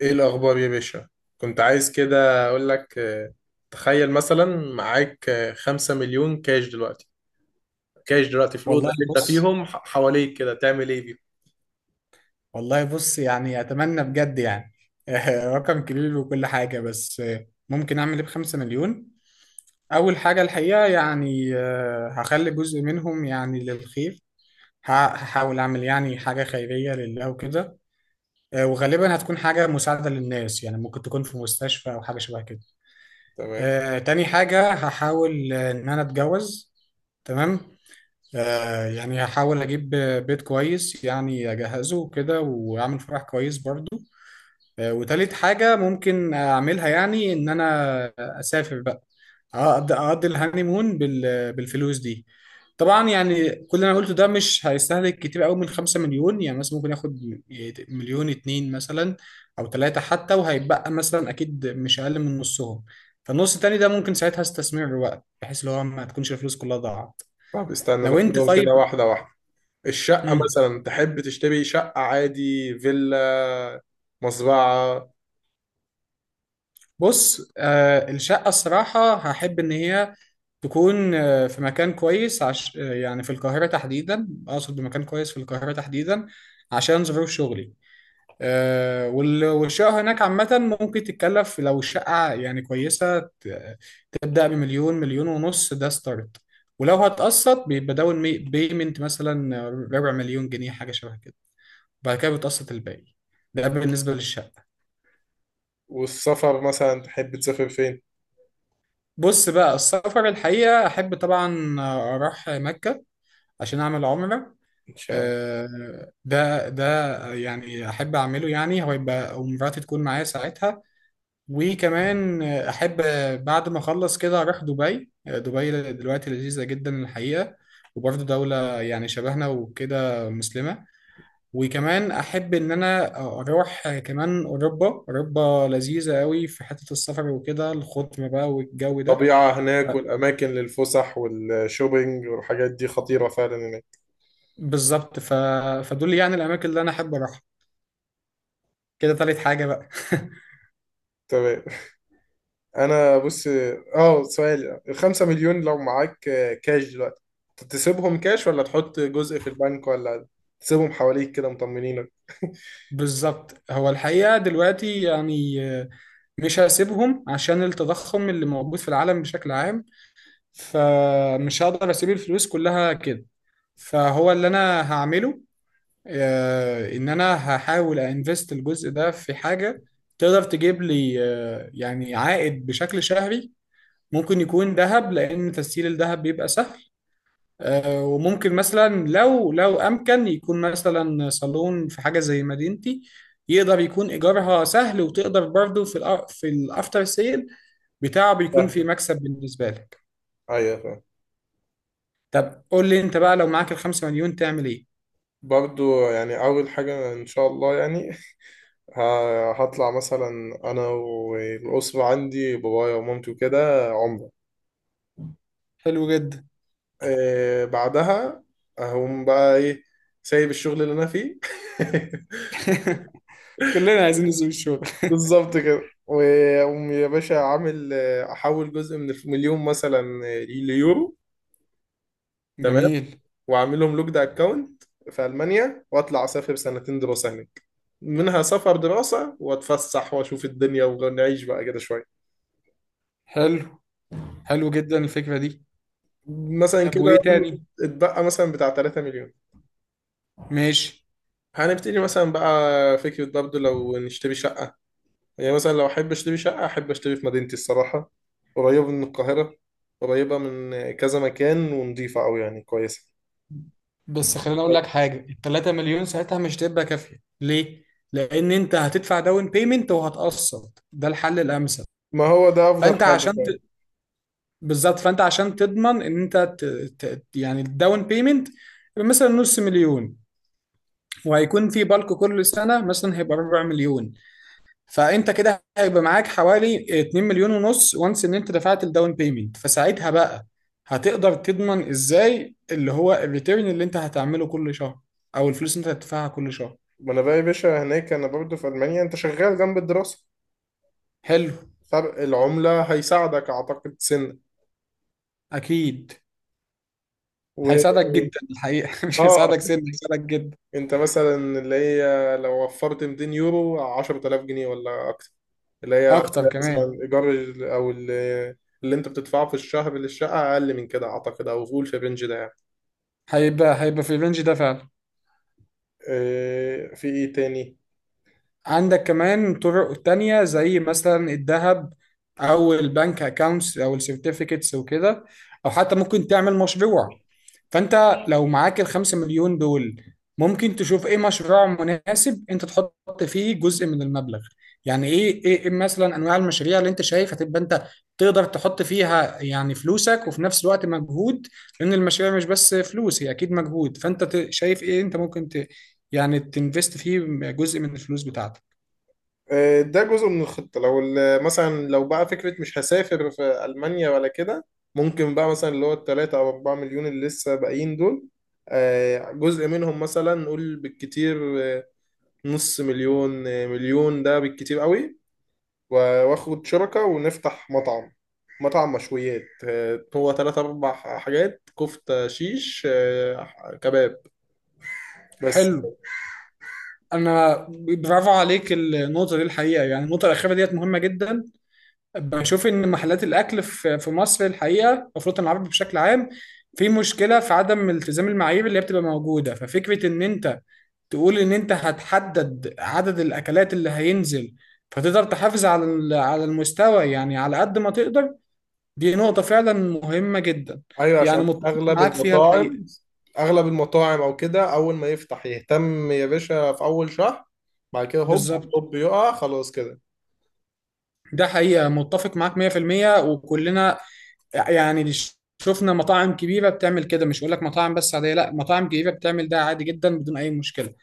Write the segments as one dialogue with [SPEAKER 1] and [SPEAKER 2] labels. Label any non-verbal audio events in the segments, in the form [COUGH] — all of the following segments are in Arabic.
[SPEAKER 1] ايه الاخبار يا باشا؟ كنت عايز كده اقول لك، تخيل مثلا. معاك 5 مليون كاش دلوقتي. كاش دلوقتي في الاوضه
[SPEAKER 2] والله
[SPEAKER 1] اللي انت
[SPEAKER 2] بص
[SPEAKER 1] فيهم، حواليك كده، تعمل ايه بيهم؟
[SPEAKER 2] والله بص، يعني اتمنى بجد يعني. [LAUGHS] رقم كبير وكل حاجه، بس ممكن اعمل ايه بخمسة مليون؟ اول حاجه الحقيقه يعني هخلي جزء منهم يعني للخير. هحاول اعمل يعني حاجه خيريه لله وكده. وغالبا هتكون حاجه مساعده للناس، يعني ممكن تكون في مستشفى او حاجه شبه كده.
[SPEAKER 1] تمام.
[SPEAKER 2] تاني حاجه هحاول ان انا اتجوز. تمام. يعني هحاول اجيب بيت كويس، يعني اجهزه وكده، واعمل فرح كويس برضه. وتالت حاجة ممكن أعملها، يعني إن أنا أسافر بقى. أقضي الهانيمون بالفلوس دي. طبعا يعني كل اللي أنا قلته ده مش هيستهلك كتير أوي من 5 مليون، يعني مثلا ممكن ياخد مليون اتنين مثلا، أو تلاتة حتى، وهيتبقى مثلا أكيد مش أقل من نصهم. فالنص التاني ده ممكن ساعتها استثمره بقى، بحيث اللي هو ما تكونش الفلوس كلها ضاعت.
[SPEAKER 1] طب استنى،
[SPEAKER 2] لو أنت
[SPEAKER 1] ناخدهم كده
[SPEAKER 2] طيب.
[SPEAKER 1] واحده واحده. الشقه
[SPEAKER 2] مم.
[SPEAKER 1] مثلا، تحب تشتري شقه عادي، فيلا، مزرعه؟
[SPEAKER 2] بص. الشقة الصراحة هحب إن هي تكون في مكان كويس عش... آه، يعني في القاهرة تحديدا، أقصد بمكان كويس في القاهرة تحديدا، عشان ظروف شغلي. والشقة هناك عامة، ممكن تتكلف لو الشقة يعني كويسة تبدأ بمليون، مليون ونص، ده ستارت. ولو هتقسط بيبقى داون بيمنت مثلا ربع مليون جنيه، حاجة شبه كده. بعد كده بتقسط الباقي. ده بالنسبة للشقة.
[SPEAKER 1] والسفر مثلا، تحب تسافر فين؟
[SPEAKER 2] بص بقى، السفر الحقيقة أحب طبعا أروح مكة عشان أعمل عمرة.
[SPEAKER 1] ان شاء الله.
[SPEAKER 2] ده يعني أحب أعمله، يعني هو يبقى ومراتي تكون معايا ساعتها. وكمان أحب بعد ما أخلص كده أروح دبي. دبي دلوقتي لذيذة جدا الحقيقة، وبرضه دولة يعني شبهنا وكده، مسلمة. وكمان أحب إن أنا أروح كمان أوروبا. أوروبا لذيذة قوي في حتة السفر وكده، الخضرة بقى والجو ده.
[SPEAKER 1] الطبيعه هناك والاماكن للفسح والشوبينج والحاجات دي خطيره فعلا هناك.
[SPEAKER 2] بالظبط. فدول يعني الاماكن اللي انا احب اروحها. كده تالت حاجه بقى. [LAUGHS]
[SPEAKER 1] تمام. انا بص. اه، سؤال ال 5 مليون، لو معاك كاش دلوقتي، تسيبهم كاش ولا تحط جزء في البنك ولا تسيبهم حواليك كده مطمنينك؟ [LAUGHS]
[SPEAKER 2] بالظبط. هو الحقيقه دلوقتي يعني مش هسيبهم، عشان التضخم اللي موجود في العالم بشكل عام، فمش هقدر اسيب الفلوس كلها كده. فهو اللي انا هعمله ان انا هحاول انفست الجزء ده في حاجة تقدر تجيب لي يعني عائد بشكل شهري. ممكن يكون ذهب، لان تسييل الذهب بيبقى سهل. وممكن مثلا لو امكن يكون مثلا صالون في حاجه زي مدينتي، يقدر يكون ايجارها سهل، وتقدر برضه في في الافتر سيل بتاعه بيكون في
[SPEAKER 1] سهلة.
[SPEAKER 2] مكسب بالنسبه لك.
[SPEAKER 1] ايوه، فاهم.
[SPEAKER 2] طب قول لي انت بقى، لو معاك الخمسة مليون تعمل ايه؟
[SPEAKER 1] برضو يعني، اول حاجة ان شاء الله يعني، هطلع مثلا انا والاسرة عندي، بابايا ومامتي وكده، عمرة.
[SPEAKER 2] حلو جدا.
[SPEAKER 1] بعدها هقوم بقى ايه؟ سايب الشغل اللي انا فيه. [LAUGHS]
[SPEAKER 2] [LAUGHS] كلنا عايزين نسيب الشغل.
[SPEAKER 1] بالظبط كده. وأقوم يا باشا عامل، أحول جزء من مليون مثلا، ليورو. تمام.
[SPEAKER 2] جميل.
[SPEAKER 1] وأعملهم لوكد أكاونت في ألمانيا، وأطلع أسافر سنتين دراسة هناك. منها سفر دراسة، وأتفسح وأشوف الدنيا ونعيش بقى كده شوية.
[SPEAKER 2] حلو حلو جدا الفكره دي.
[SPEAKER 1] مثلا
[SPEAKER 2] طب وايه
[SPEAKER 1] كده.
[SPEAKER 2] تاني؟
[SPEAKER 1] اتبقى مثلا بتاع 3 مليون.
[SPEAKER 2] ماشي.
[SPEAKER 1] هنبتدي مثلا بقى فكرة برضه، لو نشتري شقة. يعني مثلا لو أحب أشتري شقة، أحب أشتري في مدينتي الصراحة، قريبة من القاهرة، قريبة من كذا مكان، ونضيفة أوي يعني، كويسة.
[SPEAKER 2] بس خليني اقول لك حاجه، ال 3 مليون ساعتها مش تبقى كافيه، ليه؟ لان انت هتدفع داون بيمنت وهتقسط، ده الحل الامثل.
[SPEAKER 1] ما هو ده افضل
[SPEAKER 2] فانت
[SPEAKER 1] حاجه
[SPEAKER 2] عشان ت...
[SPEAKER 1] فعلا.
[SPEAKER 2] بالظبط، فانت عشان تضمن ان انت يعني الداون بيمنت مثلا نص مليون، وهيكون في بالك كل سنه مثلا هيبقى ربع مليون، فانت كده هيبقى معاك حوالي 2 مليون ونص، وانس ان انت دفعت الداون بيمنت، فساعتها بقى هتقدر تضمن ازاي اللي هو الريتيرن اللي انت هتعمله كل شهر، او الفلوس اللي انت هتدفعها كل شهر.
[SPEAKER 1] ما انا بقى يا باشا هناك، انا برضه في المانيا، انت شغال جنب الدراسه،
[SPEAKER 2] حلو.
[SPEAKER 1] فرق العمله هيساعدك اعتقد سنه.
[SPEAKER 2] اكيد.
[SPEAKER 1] و
[SPEAKER 2] هيساعدك جدا الحقيقه. [LAUGHS] مش
[SPEAKER 1] اه
[SPEAKER 2] هيساعدك سن، هيساعدك جدا.
[SPEAKER 1] انت مثلا، اللي هي لو وفرت 200 يورو، 10,000 جنيه ولا اكتر، اللي هي
[SPEAKER 2] اكتر
[SPEAKER 1] هتلاقي
[SPEAKER 2] كمان.
[SPEAKER 1] مثلا ايجار، او اللي، اللي انت بتدفعه في الشهر للشقه، اقل من كده اعتقد، او قول في الرينج ده يعني.
[SPEAKER 2] هيبقى في الرينج ده فعلا.
[SPEAKER 1] في ايه تاني؟
[SPEAKER 2] عندك كمان طرق تانية، زي مثلا الذهب أو البنك أكاونتس أو السيرتيفيكتس وكده، أو حتى ممكن تعمل مشروع. فأنت لو معاك الخمسة مليون دول، ممكن تشوف إيه مشروع مناسب أنت تحط فيه جزء من المبلغ. يعني إيه مثلا أنواع المشاريع اللي أنت شايف هتبقى أنت تقدر تحط فيها يعني فلوسك، وفي نفس الوقت مجهود، لأن المشاريع مش بس فلوس، هي أكيد مجهود. فأنت شايف إيه أنت ممكن يعني تنفست فيه جزء من الفلوس بتاعتك.
[SPEAKER 1] ده جزء من الخطة. لو مثلا لو بقى فكرة مش هسافر في ألمانيا ولا كده، ممكن بقى مثلا اللي هو التلاتة أو أربعة مليون اللي لسه باقيين دول، جزء منهم، مثلا نقول بالكتير آه، نص مليون، مليون، ده بالكتير قوي، واخد شركة ونفتح مطعم. مطعم مشويات، هو تلات أربع حاجات: كفتة، شيش، كباب، بس.
[SPEAKER 2] حلو. انا برافو عليك النقطه دي الحقيقه، يعني النقطه الاخيره ديت مهمه جدا. بشوف ان محلات الاكل في مصر الحقيقه، المفروض العربي بشكل عام في مشكله في عدم التزام المعايير اللي هي بتبقى موجوده، ففكره ان انت تقول ان انت هتحدد عدد الاكلات اللي هينزل، فتقدر تحافظ على على المستوى يعني على قد ما تقدر. دي نقطه فعلا مهمه جدا،
[SPEAKER 1] ايوه، عشان
[SPEAKER 2] يعني متفق
[SPEAKER 1] اغلب
[SPEAKER 2] معاك فيها الحقيقه.
[SPEAKER 1] المطاعم، او كده، اول ما يفتح يهتم يا باشا في اول شهر، بعد كده هوب
[SPEAKER 2] بالظبط.
[SPEAKER 1] هوب يقع خلاص كده.
[SPEAKER 2] ده حقيقة متفق معاك 100%، وكلنا يعني اللي شفنا مطاعم كبيرة بتعمل كده. مش بقول لك مطاعم بس عادية، لا، مطاعم كبيرة بتعمل ده عادي جدا بدون أي مشكلة.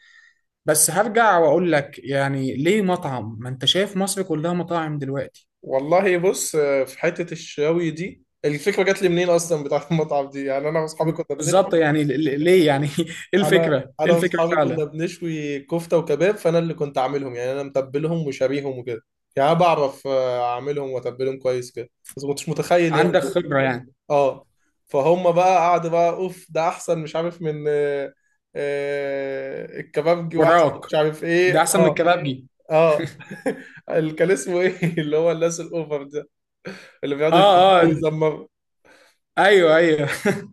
[SPEAKER 2] بس هرجع وأقول لك يعني، ليه مطعم؟ ما أنت شايف مصر كلها مطاعم دلوقتي.
[SPEAKER 1] والله بص، في حته الشاوي دي، الفكره جات لي منين اصلا بتاعت [LAUGHS] المطعم دي، يعني انا واصحابي كنا
[SPEAKER 2] بالظبط،
[SPEAKER 1] بنشوي.
[SPEAKER 2] يعني ليه، يعني؟ [LAUGHS] إيه
[SPEAKER 1] انا
[SPEAKER 2] الفكرة؟ إيه
[SPEAKER 1] انا
[SPEAKER 2] الفكرة
[SPEAKER 1] واصحابي كنا
[SPEAKER 2] فعلا؟
[SPEAKER 1] بنشوي كفته وكباب، فانا اللي كنت عاملهم، يعني انا متبلهم وشاريهم وكده. يعني أنا بعرف اعملهم واتبلهم كويس كده، بس ما كنتش متخيل يعني.
[SPEAKER 2] عندك خبرة يعني.
[SPEAKER 1] اه. فهم بقى قعدوا بقى، اوف ده احسن مش عارف من، الكبابجي، واحسن
[SPEAKER 2] وراك.
[SPEAKER 1] مش عارف
[SPEAKER 2] ده
[SPEAKER 1] ايه.
[SPEAKER 2] أحسن من
[SPEAKER 1] اه.
[SPEAKER 2] الكبابجي.
[SPEAKER 1] اه [LAUGHS] اللي كان اسمه ايه؟ [LAUGHS] اللي هو الناس الاوفر ده، اللي بيقعدوا
[SPEAKER 2] آه آه.
[SPEAKER 1] يزمروا.
[SPEAKER 2] أيوه أيوه. [LAUGHS]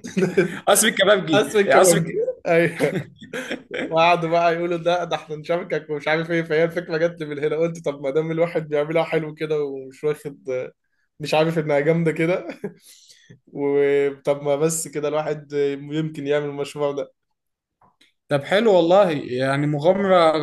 [SPEAKER 2] قصر
[SPEAKER 1] [LAUGHS]
[SPEAKER 2] الكبابجي،
[SPEAKER 1] اسم الكبابجي. ايوه. وقعدوا بقى يقولوا ده احنا نشاركك ومش عارف ايه. فهي الفكره جت لي من هنا، قلت طب ما دام الواحد بيعملها حلو كده، ومش واخد، مش عارف انها جامده كده [LAUGHS] وطب ما بس كده الواحد يمكن يعمل المشروع ده.
[SPEAKER 2] طب حلو والله، يعني مغامرة.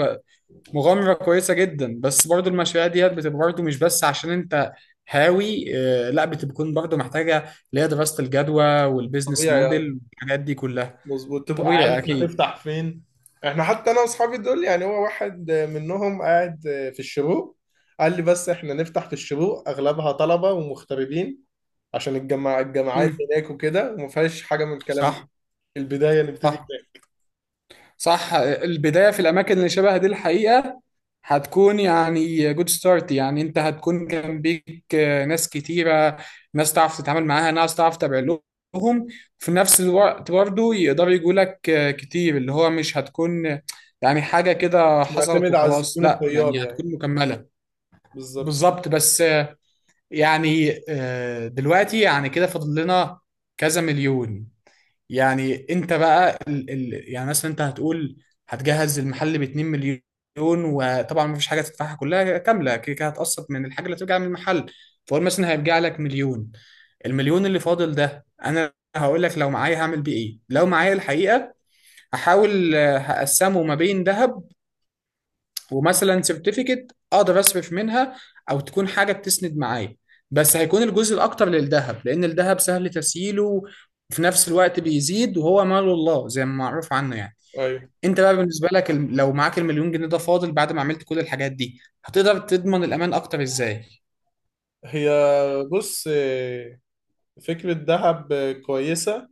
[SPEAKER 2] مغامرة كويسة جدا، بس برضو المشاريع ديت بتبقى برضو مش بس عشان انت هاوي، لا، بتكون برضو محتاجة اللي هي دراسة الجدوى والبيزنس
[SPEAKER 1] طبيعي يعني.
[SPEAKER 2] موديل والحاجات دي كلها.
[SPEAKER 1] مظبوط، تبقى
[SPEAKER 2] طبيعي
[SPEAKER 1] عارف
[SPEAKER 2] اكيد.
[SPEAKER 1] هتفتح فين. احنا حتى انا واصحابي دول يعني، هو واحد منهم قاعد في الشروق، قال لي بس احنا نفتح في الشروق، اغلبها طلبة ومغتربين، عشان الجماعة الجامعات
[SPEAKER 2] مم.
[SPEAKER 1] هناك وكده، وما فيهاش حاجة من الكلام ده.
[SPEAKER 2] صح.
[SPEAKER 1] البداية نبتدي
[SPEAKER 2] صح،
[SPEAKER 1] كده.
[SPEAKER 2] صح. البداية في الأماكن اللي شبه دي الحقيقة هتكون يعني جود ستارت، يعني أنت هتكون جنبيك ناس كتيرة، ناس تعرف تتعامل معاها، ناس تعرف تتابع لهم. في نفس الوقت برضه يقدروا يجوا لك كتير، اللي هو مش هتكون يعني حاجة كده
[SPEAKER 1] مش
[SPEAKER 2] حصلت
[SPEAKER 1] معتمد على
[SPEAKER 2] وخلاص،
[SPEAKER 1] الزبون
[SPEAKER 2] لا، يعني
[SPEAKER 1] الطيار يعني.
[SPEAKER 2] هتكون مكملة.
[SPEAKER 1] بالظبط.
[SPEAKER 2] بالظبط. بس يعني دلوقتي يعني كده فاضل لنا كذا مليون. يعني انت بقى يعني مثلا انت هتقول هتجهز المحل ب 2 مليون، وطبعا مفيش حاجه تدفعها كلها كامله كده، كده هتقسط من الحاجه اللي هترجع من المحل، فقول مثلا هيرجع لك مليون. المليون اللي فاضل ده انا هقول لك لو معايا هعمل بيه ايه. لو معايا الحقيقه، هحاول هقسمه ما بين ذهب، ومثلا سيرتيفيكت اقدر اصرف منها، او تكون حاجه بتسند معايا. بس هيكون الجزء الاكتر للذهب، لان الذهب سهل تسييله، وفي نفس الوقت بيزيد، وهو مال الله زي ما معروف عنه يعني.
[SPEAKER 1] ايوه.
[SPEAKER 2] انت بقى بالنسبه لك لو معاك المليون جنيه ده فاضل بعد ما عملت كل الحاجات دي، هتقدر تضمن الامان اكتر ازاي؟
[SPEAKER 1] هي بص، فكرة دهب كويسة،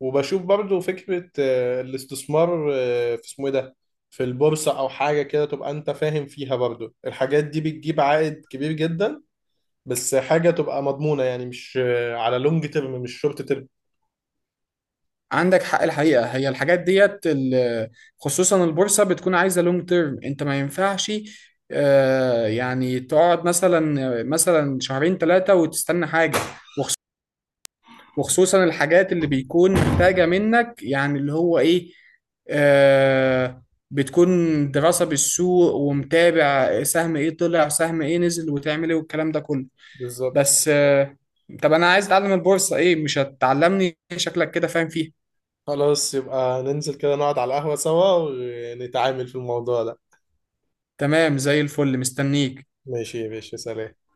[SPEAKER 1] وبشوف برضو فكرة الاستثمار، في اسمه ايه ده، في البورصة أو حاجة كده تبقى أنت فاهم فيها. برضو الحاجات دي بتجيب عائد كبير جدا، بس حاجة تبقى مضمونة يعني، مش على لونج تيرم، مش شورت تيرم.
[SPEAKER 2] عندك حق الحقيقه، هي الحاجات ديت خصوصا البورصه بتكون عايزه لونج تيرم، انت ما ينفعش يعني تقعد مثلا شهرين ثلاثه وتستنى حاجه. وخصوصا الحاجات اللي بيكون محتاجة منك يعني اللي هو ايه؟ آه بتكون دراسة بالسوق، ومتابع سهم ايه طلع سهم ايه نزل، وتعمل ايه، والكلام ده كله.
[SPEAKER 1] بالظبط.
[SPEAKER 2] بس طب انا عايز اتعلم البورصة، ايه مش هتعلمني؟ شكلك كده فاهم فيها.
[SPEAKER 1] خلاص، يبقى ننزل كده نقعد على القهوة سوا، ونتعامل في الموضوع ده.
[SPEAKER 2] تمام، زي الفل، مستنيك.
[SPEAKER 1] ماشي يا باشا، سلام.